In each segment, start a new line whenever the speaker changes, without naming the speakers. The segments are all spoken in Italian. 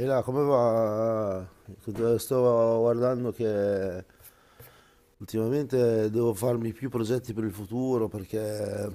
E là, come va? Sto guardando che ultimamente devo farmi più progetti per il futuro perché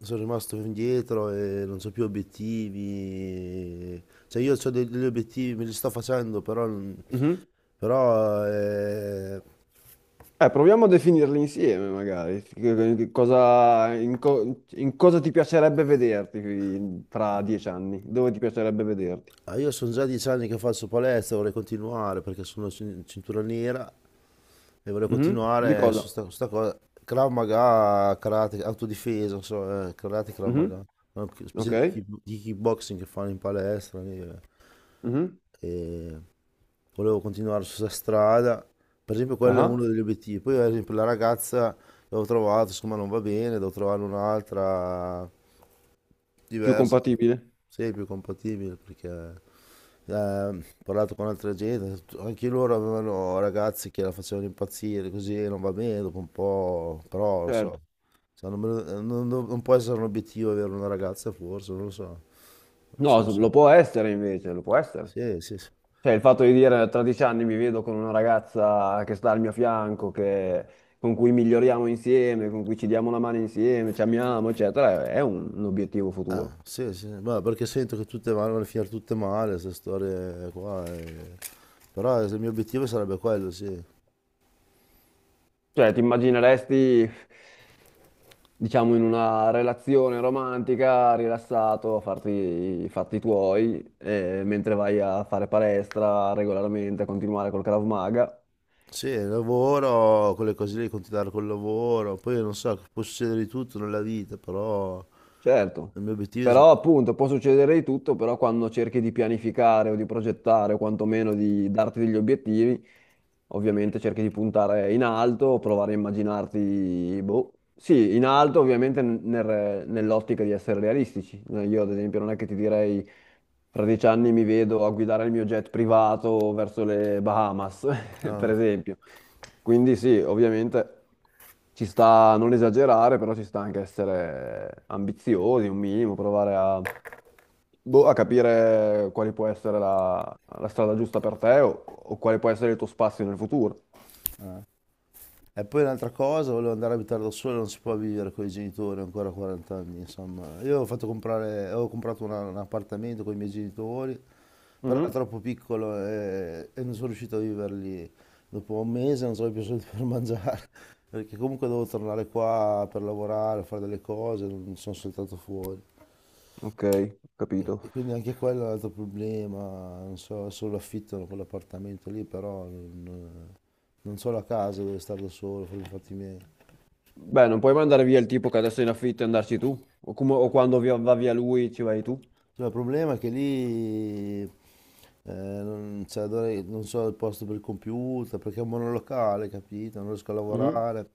sono rimasto indietro e non ho più obiettivi. Cioè io ho degli obiettivi, me li sto facendo, però,
Mhm.
però eh,
Proviamo a definirli insieme, magari. Che Cosa, in cosa ti piacerebbe vederti tra 10 anni? Dove ti piacerebbe vederti?
io sono già 10 anni che faccio palestra, vorrei continuare perché sono cintura nera e volevo
Mhm. Di
continuare
cosa?
su sta cosa. Krav Maga, karate, autodifesa, non so, karate, Krav
Mhm.
Maga. Una specie di,
Ok.
di kickboxing che fanno in palestra lì, eh.
Mhm.
E volevo continuare su questa strada. Per esempio, quello è
Ah.
uno degli obiettivi. Poi, ad esempio, la ragazza l'ho trovato, insomma, non va bene, devo trovare un'altra.
Più
Diverso.
compatibile?
Sì, è più compatibile perché ho parlato con altra gente, anche loro avevano ragazzi che la facevano impazzire, così non va bene dopo un po', però non so,
Certo.
cioè, non, me lo- non- non- non può essere un obiettivo avere una ragazza forse, non lo so.
No,
Sì, sì,
lo può essere invece, lo può essere.
sì, sì, sì.
Cioè, il fatto di dire tra 10 anni mi vedo con una ragazza che sta al mio fianco, che- con cui miglioriamo insieme, con cui ci diamo una mano insieme, ci amiamo, eccetera, è un obiettivo
Ah,
futuro.
sì, sì, ma perché sento che tutte vanno a finire tutte male, queste storie qua, eh. Però il mio obiettivo sarebbe quello, sì.
Cioè, ti immagineresti, diciamo, in una relazione romantica, rilassato, a farti i fatti tuoi, mentre vai a fare palestra regolarmente, a continuare col Krav Maga.
Sì, il lavoro, quelle cose lì, continuare col lavoro, poi non so, può succedere di tutto nella vita, però
Certo,
il mio obiettivo
però
è,
appunto può succedere di tutto, però quando cerchi di pianificare o di progettare o quantomeno di darti degli obiettivi, ovviamente cerchi di puntare in alto, provare a immaginarti, boh, sì, in alto ovviamente nell'ottica di essere realistici. Io ad esempio non è che ti direi fra 10 anni mi vedo a guidare il mio jet privato verso le Bahamas, per
ah.
esempio. Quindi sì, ovviamente ci sta a non esagerare, però ci sta anche essere ambiziosi un minimo, provare a, boh, a capire quale può essere la strada giusta per te o quale può essere il tuo spazio nel futuro.
E poi un'altra cosa, volevo andare a abitare da solo, non si può vivere con i genitori ancora a 40 anni, insomma. Io ho fatto comprare, avevo comprato un appartamento con i miei genitori, però era
Mhm.
troppo piccolo e non sono riuscito a vivere lì. Dopo un mese non avevo più soldi per mangiare, perché comunque dovevo tornare qua per lavorare, fare delle cose, non sono saltato fuori.
Ok, ho capito.
E quindi anche quello è un altro problema, non so, solo affittano quell'appartamento lì, però non so la casa dove stare da solo, per i fatti miei.
Beh, non puoi mandare via il tipo che adesso è in affitto e andarci tu, o, o quando va via lui ci vai tu.
No, il problema è che lì non, cioè, non so il posto per il computer, perché è un monolocale, capito? Non riesco a
Mhm.
lavorare.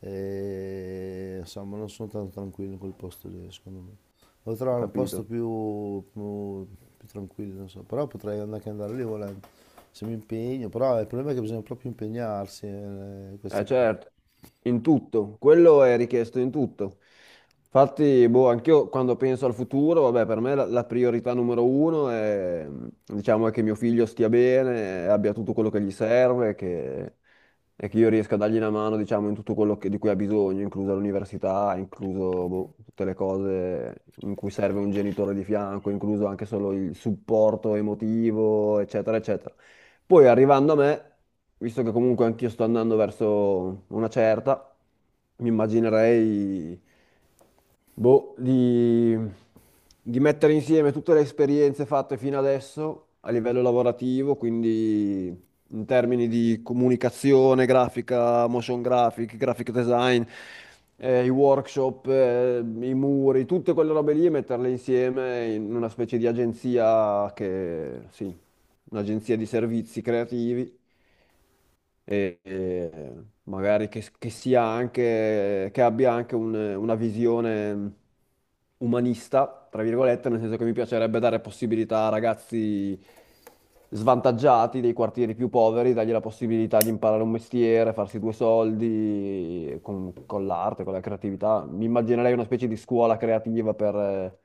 E, insomma, non sono tanto tranquillo in quel posto lì, secondo me. Devo
Ho
trovare un posto
capito.
più tranquillo, non so. Però potrei anche andare lì volendo, se mi impegno. Però il problema è che bisogna proprio impegnarsi in
Eh
queste cose.
certo, in tutto, quello è richiesto in tutto. Infatti, boh, anch'io quando penso al futuro, vabbè, per me la priorità numero uno è, diciamo, è che mio figlio stia bene, abbia tutto quello che gli serve, che, e che io riesca a dargli una mano, diciamo, in tutto di cui ha bisogno, inclusa l'università, incluso, boh, tutte le cose in cui serve un genitore di fianco, incluso anche solo il supporto emotivo, eccetera, eccetera. Poi arrivando a me, visto che comunque anch'io sto andando verso una certa, mi immaginerei boh, di mettere insieme tutte le esperienze fatte fino adesso a livello lavorativo, quindi in termini di comunicazione, grafica, motion graphic, graphic design, i workshop, i muri, tutte quelle robe lì e metterle insieme in una specie di agenzia che, sì, un'agenzia di servizi creativi e magari che sia anche, che abbia anche una visione umanista, tra virgolette, nel senso che mi piacerebbe dare possibilità a ragazzi svantaggiati dei quartieri più poveri, dargli la possibilità di imparare un mestiere, farsi due soldi con l'arte, con la creatività. Mi immaginerei una specie di scuola creativa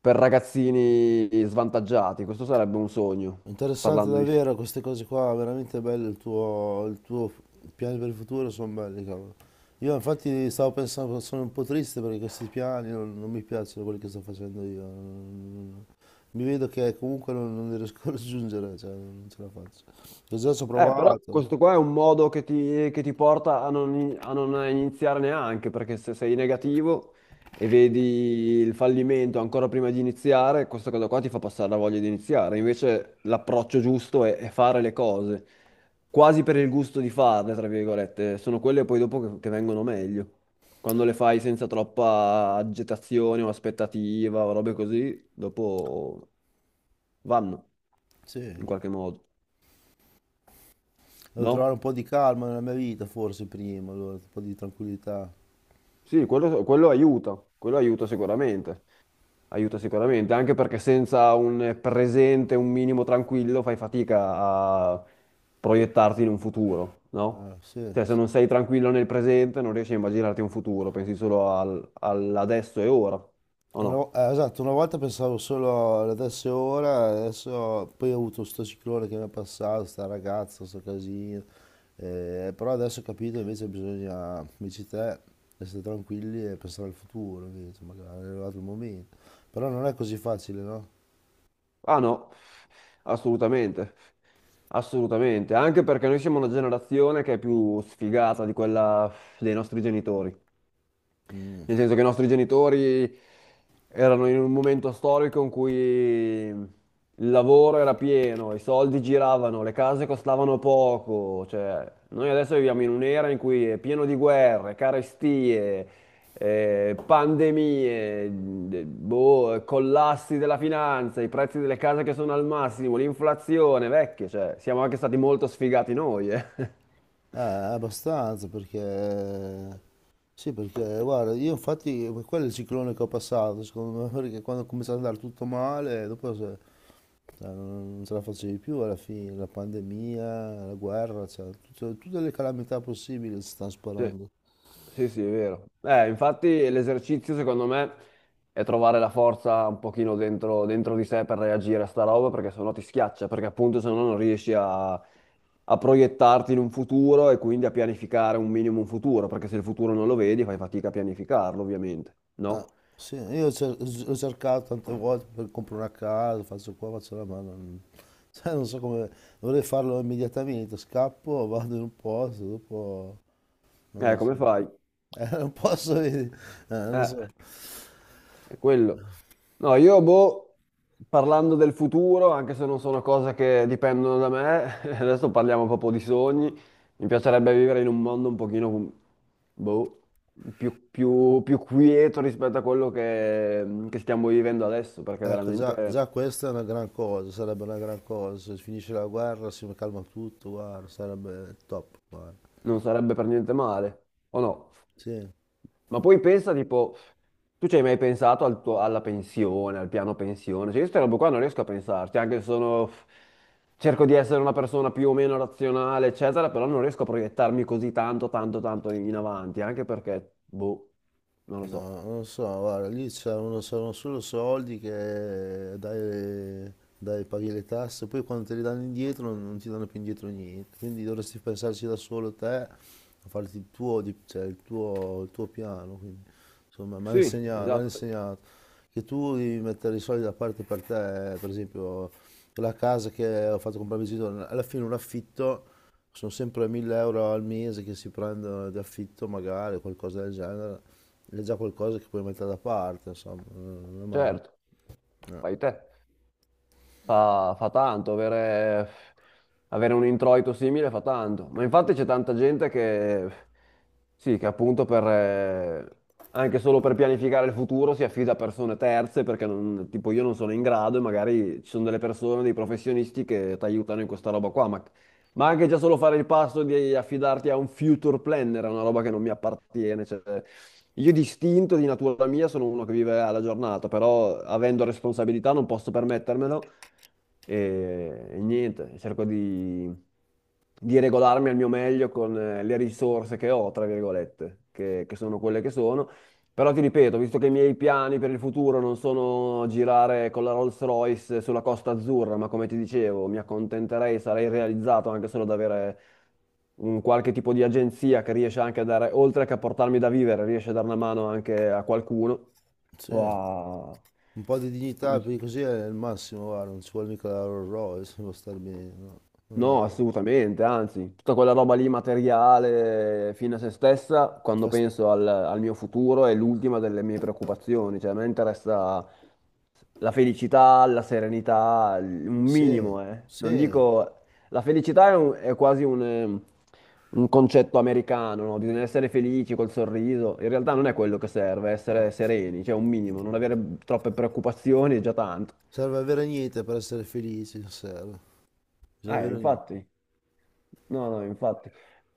per ragazzini svantaggiati. Questo sarebbe un sogno,
Interessante
parlando di
davvero queste cose qua, veramente bello il tuo, piani per il futuro sono belli, cavolo. Io infatti stavo pensando, sono un po' triste perché questi piani non mi piacciono quelli che sto facendo io. Mi vedo che comunque non li riesco a raggiungere, cioè non ce la faccio. Io già ci ho
eh, però
provato,
questo qua è un modo che ti porta a non, a non iniziare neanche, perché se sei negativo e vedi il fallimento ancora prima di iniziare, questa cosa qua ti fa passare la voglia di iniziare. Invece l'approccio giusto è fare le cose, quasi per il gusto di farle, tra virgolette. Sono quelle poi dopo che vengono meglio. Quando le fai senza troppa agitazione o aspettativa o robe così, dopo vanno in
sì.
qualche modo,
Devo trovare un
no?
po' di calma nella mia vita forse prima, allora, un po' di tranquillità.
Sì, quello, quello aiuta sicuramente, anche perché senza un presente, un minimo tranquillo, fai fatica a proiettarti in un futuro, no?
Ah, sì,
Cioè, se
sì.
non sei tranquillo nel presente, non riesci a immaginarti un futuro, pensi solo all'adesso e ora, o
Una
no?
vo- eh, esatto, una volta pensavo solo adesso e ora, adesso poi ho avuto sto ciclone che mi è passato, sta ragazza, sto casino, però adesso ho capito invece bisogna, come dici te, essere tranquilli e pensare al futuro, invece, magari è arrivato il momento. Però non è così facile, no?
Ah no, assolutamente, assolutamente, anche perché noi siamo una generazione che è più sfigata di quella dei nostri genitori.
Mm.
Nel senso che i nostri genitori erano in un momento storico in cui il lavoro era pieno, i soldi giravano, le case costavano poco. Cioè, noi adesso viviamo in un'era in cui è pieno di guerre, carestie, pandemie, boh, collassi della finanza, i prezzi delle case che sono al massimo, l'inflazione, vecchie. Cioè, siamo anche stati molto sfigati noi, eh.
Abbastanza perché. Sì, perché guarda, io infatti quello è il ciclone che ho passato, secondo me, perché quando ho cominciato ad andare tutto male, dopo Cioè, non ce la facevi più alla fine, la pandemia, la guerra, cioè, tutte le calamità possibili si stanno
Sì.
sparando.
Sì, sì, è vero. Infatti l'esercizio secondo me è trovare la forza un pochino dentro, dentro di sé per reagire a sta roba perché sennò ti schiaccia, perché appunto se no non riesci a proiettarti in un futuro e quindi a pianificare un minimo un futuro, perché se il futuro non lo vedi fai fatica a pianificarlo, ovviamente,
Ah,
no?
sì, io ho cercato tante volte per comprare una casa, faccio qua, faccio là, ma non, cioè, non so come, dovrei farlo immediatamente, scappo, vado in un posto, dopo, non lo
Come
so.
fai?
Non posso, non
Eh.
so.
È quello. No, io, boh, parlando del futuro, anche se non sono cose che dipendono da me, adesso parliamo proprio di sogni. Mi piacerebbe vivere in un mondo un pochino, boh, più quieto rispetto a quello che stiamo vivendo adesso, perché
Ecco,
veramente
già, già questa è una gran cosa, sarebbe una gran cosa, se finisce la guerra si calma tutto, guarda, sarebbe top, guarda.
non sarebbe per niente male, o no?
Sì.
Ma poi pensa, tipo, tu ci hai mai pensato al alla pensione, al piano pensione? Cioè, io queste robe qua non riesco a pensarci, anche se sono... Cerco di essere una persona più o meno razionale, eccetera, però non riesco a proiettarmi così tanto, tanto, tanto in avanti, anche perché, boh, non lo so.
No, non lo so, guarda, lì c'erano solo soldi che dai, paghi le tasse, poi quando te li danno indietro non ti danno più indietro niente, quindi dovresti pensarci da solo te, a farti il tuo, cioè, il tuo piano, quindi, insomma, mi hanno
Sì,
insegnato, mi hanno
esatto,
insegnato che tu devi mettere i soldi da parte per te, per esempio la casa che ho fatto comprare a mio genitore, alla fine un affitto sono sempre 1.000 euro al mese che si prendono di affitto magari, qualcosa del genere è già qualcosa che puoi mettere da parte, insomma, non è male.
certo,
Eh,
fai te. Fa, fa tanto, avere, avere un introito simile fa tanto. Ma infatti c'è tanta gente che, sì, che appunto per, anche solo per pianificare il futuro si affida a persone terze perché non- tipo io non sono in grado e magari ci sono delle persone, dei professionisti che ti aiutano in questa roba qua. Ma anche già solo fare il passo di affidarti a un future planner è una roba che non mi appartiene. Cioè, io di istinto, di natura mia, sono uno che vive alla giornata, però avendo responsabilità non posso permettermelo e niente, cerco di regolarmi al mio meglio con le risorse che ho, tra virgolette, che sono quelle che sono. Però ti ripeto, visto che i miei piani per il futuro non sono girare con la Rolls-Royce sulla Costa Azzurra, ma come ti dicevo, mi accontenterei, sarei realizzato anche solo ad avere un qualche tipo di agenzia che riesce anche a dare, oltre che a portarmi da vivere, riesce a dare una mano anche a qualcuno o
sì.
a,
Un po' di
come
dignità, più di così è il massimo, guarda, non ci vuole mica la Rolls Royce, può star bene, no. Non
no,
è-
assolutamente, anzi, tutta quella roba lì materiale fine a se stessa, quando
basta-
penso al mio futuro, è l'ultima delle mie preoccupazioni, cioè a me interessa la felicità, la serenità, l- un
Sì,
minimo, eh. Non
sì,
dico... La felicità è, è quasi un concetto americano, no? Bisogna essere felici col sorriso, in realtà non è quello che serve,
no.
essere sereni, cioè un minimo, non avere troppe preoccupazioni è già tanto.
Serve avere niente per essere felici, non serve. Bisogna avere niente.
Infatti. No, no, infatti.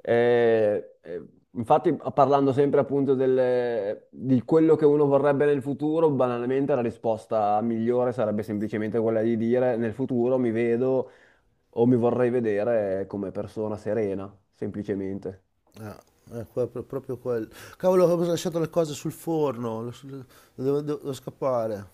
Eh, eh, infatti, parlando sempre appunto di quello che uno vorrebbe nel futuro, banalmente la risposta migliore sarebbe semplicemente quella di dire nel futuro mi vedo o mi vorrei vedere come persona serena, semplicemente.
Ah, è proprio quello. Cavolo, ho lasciato le cose sul forno, devo scappare.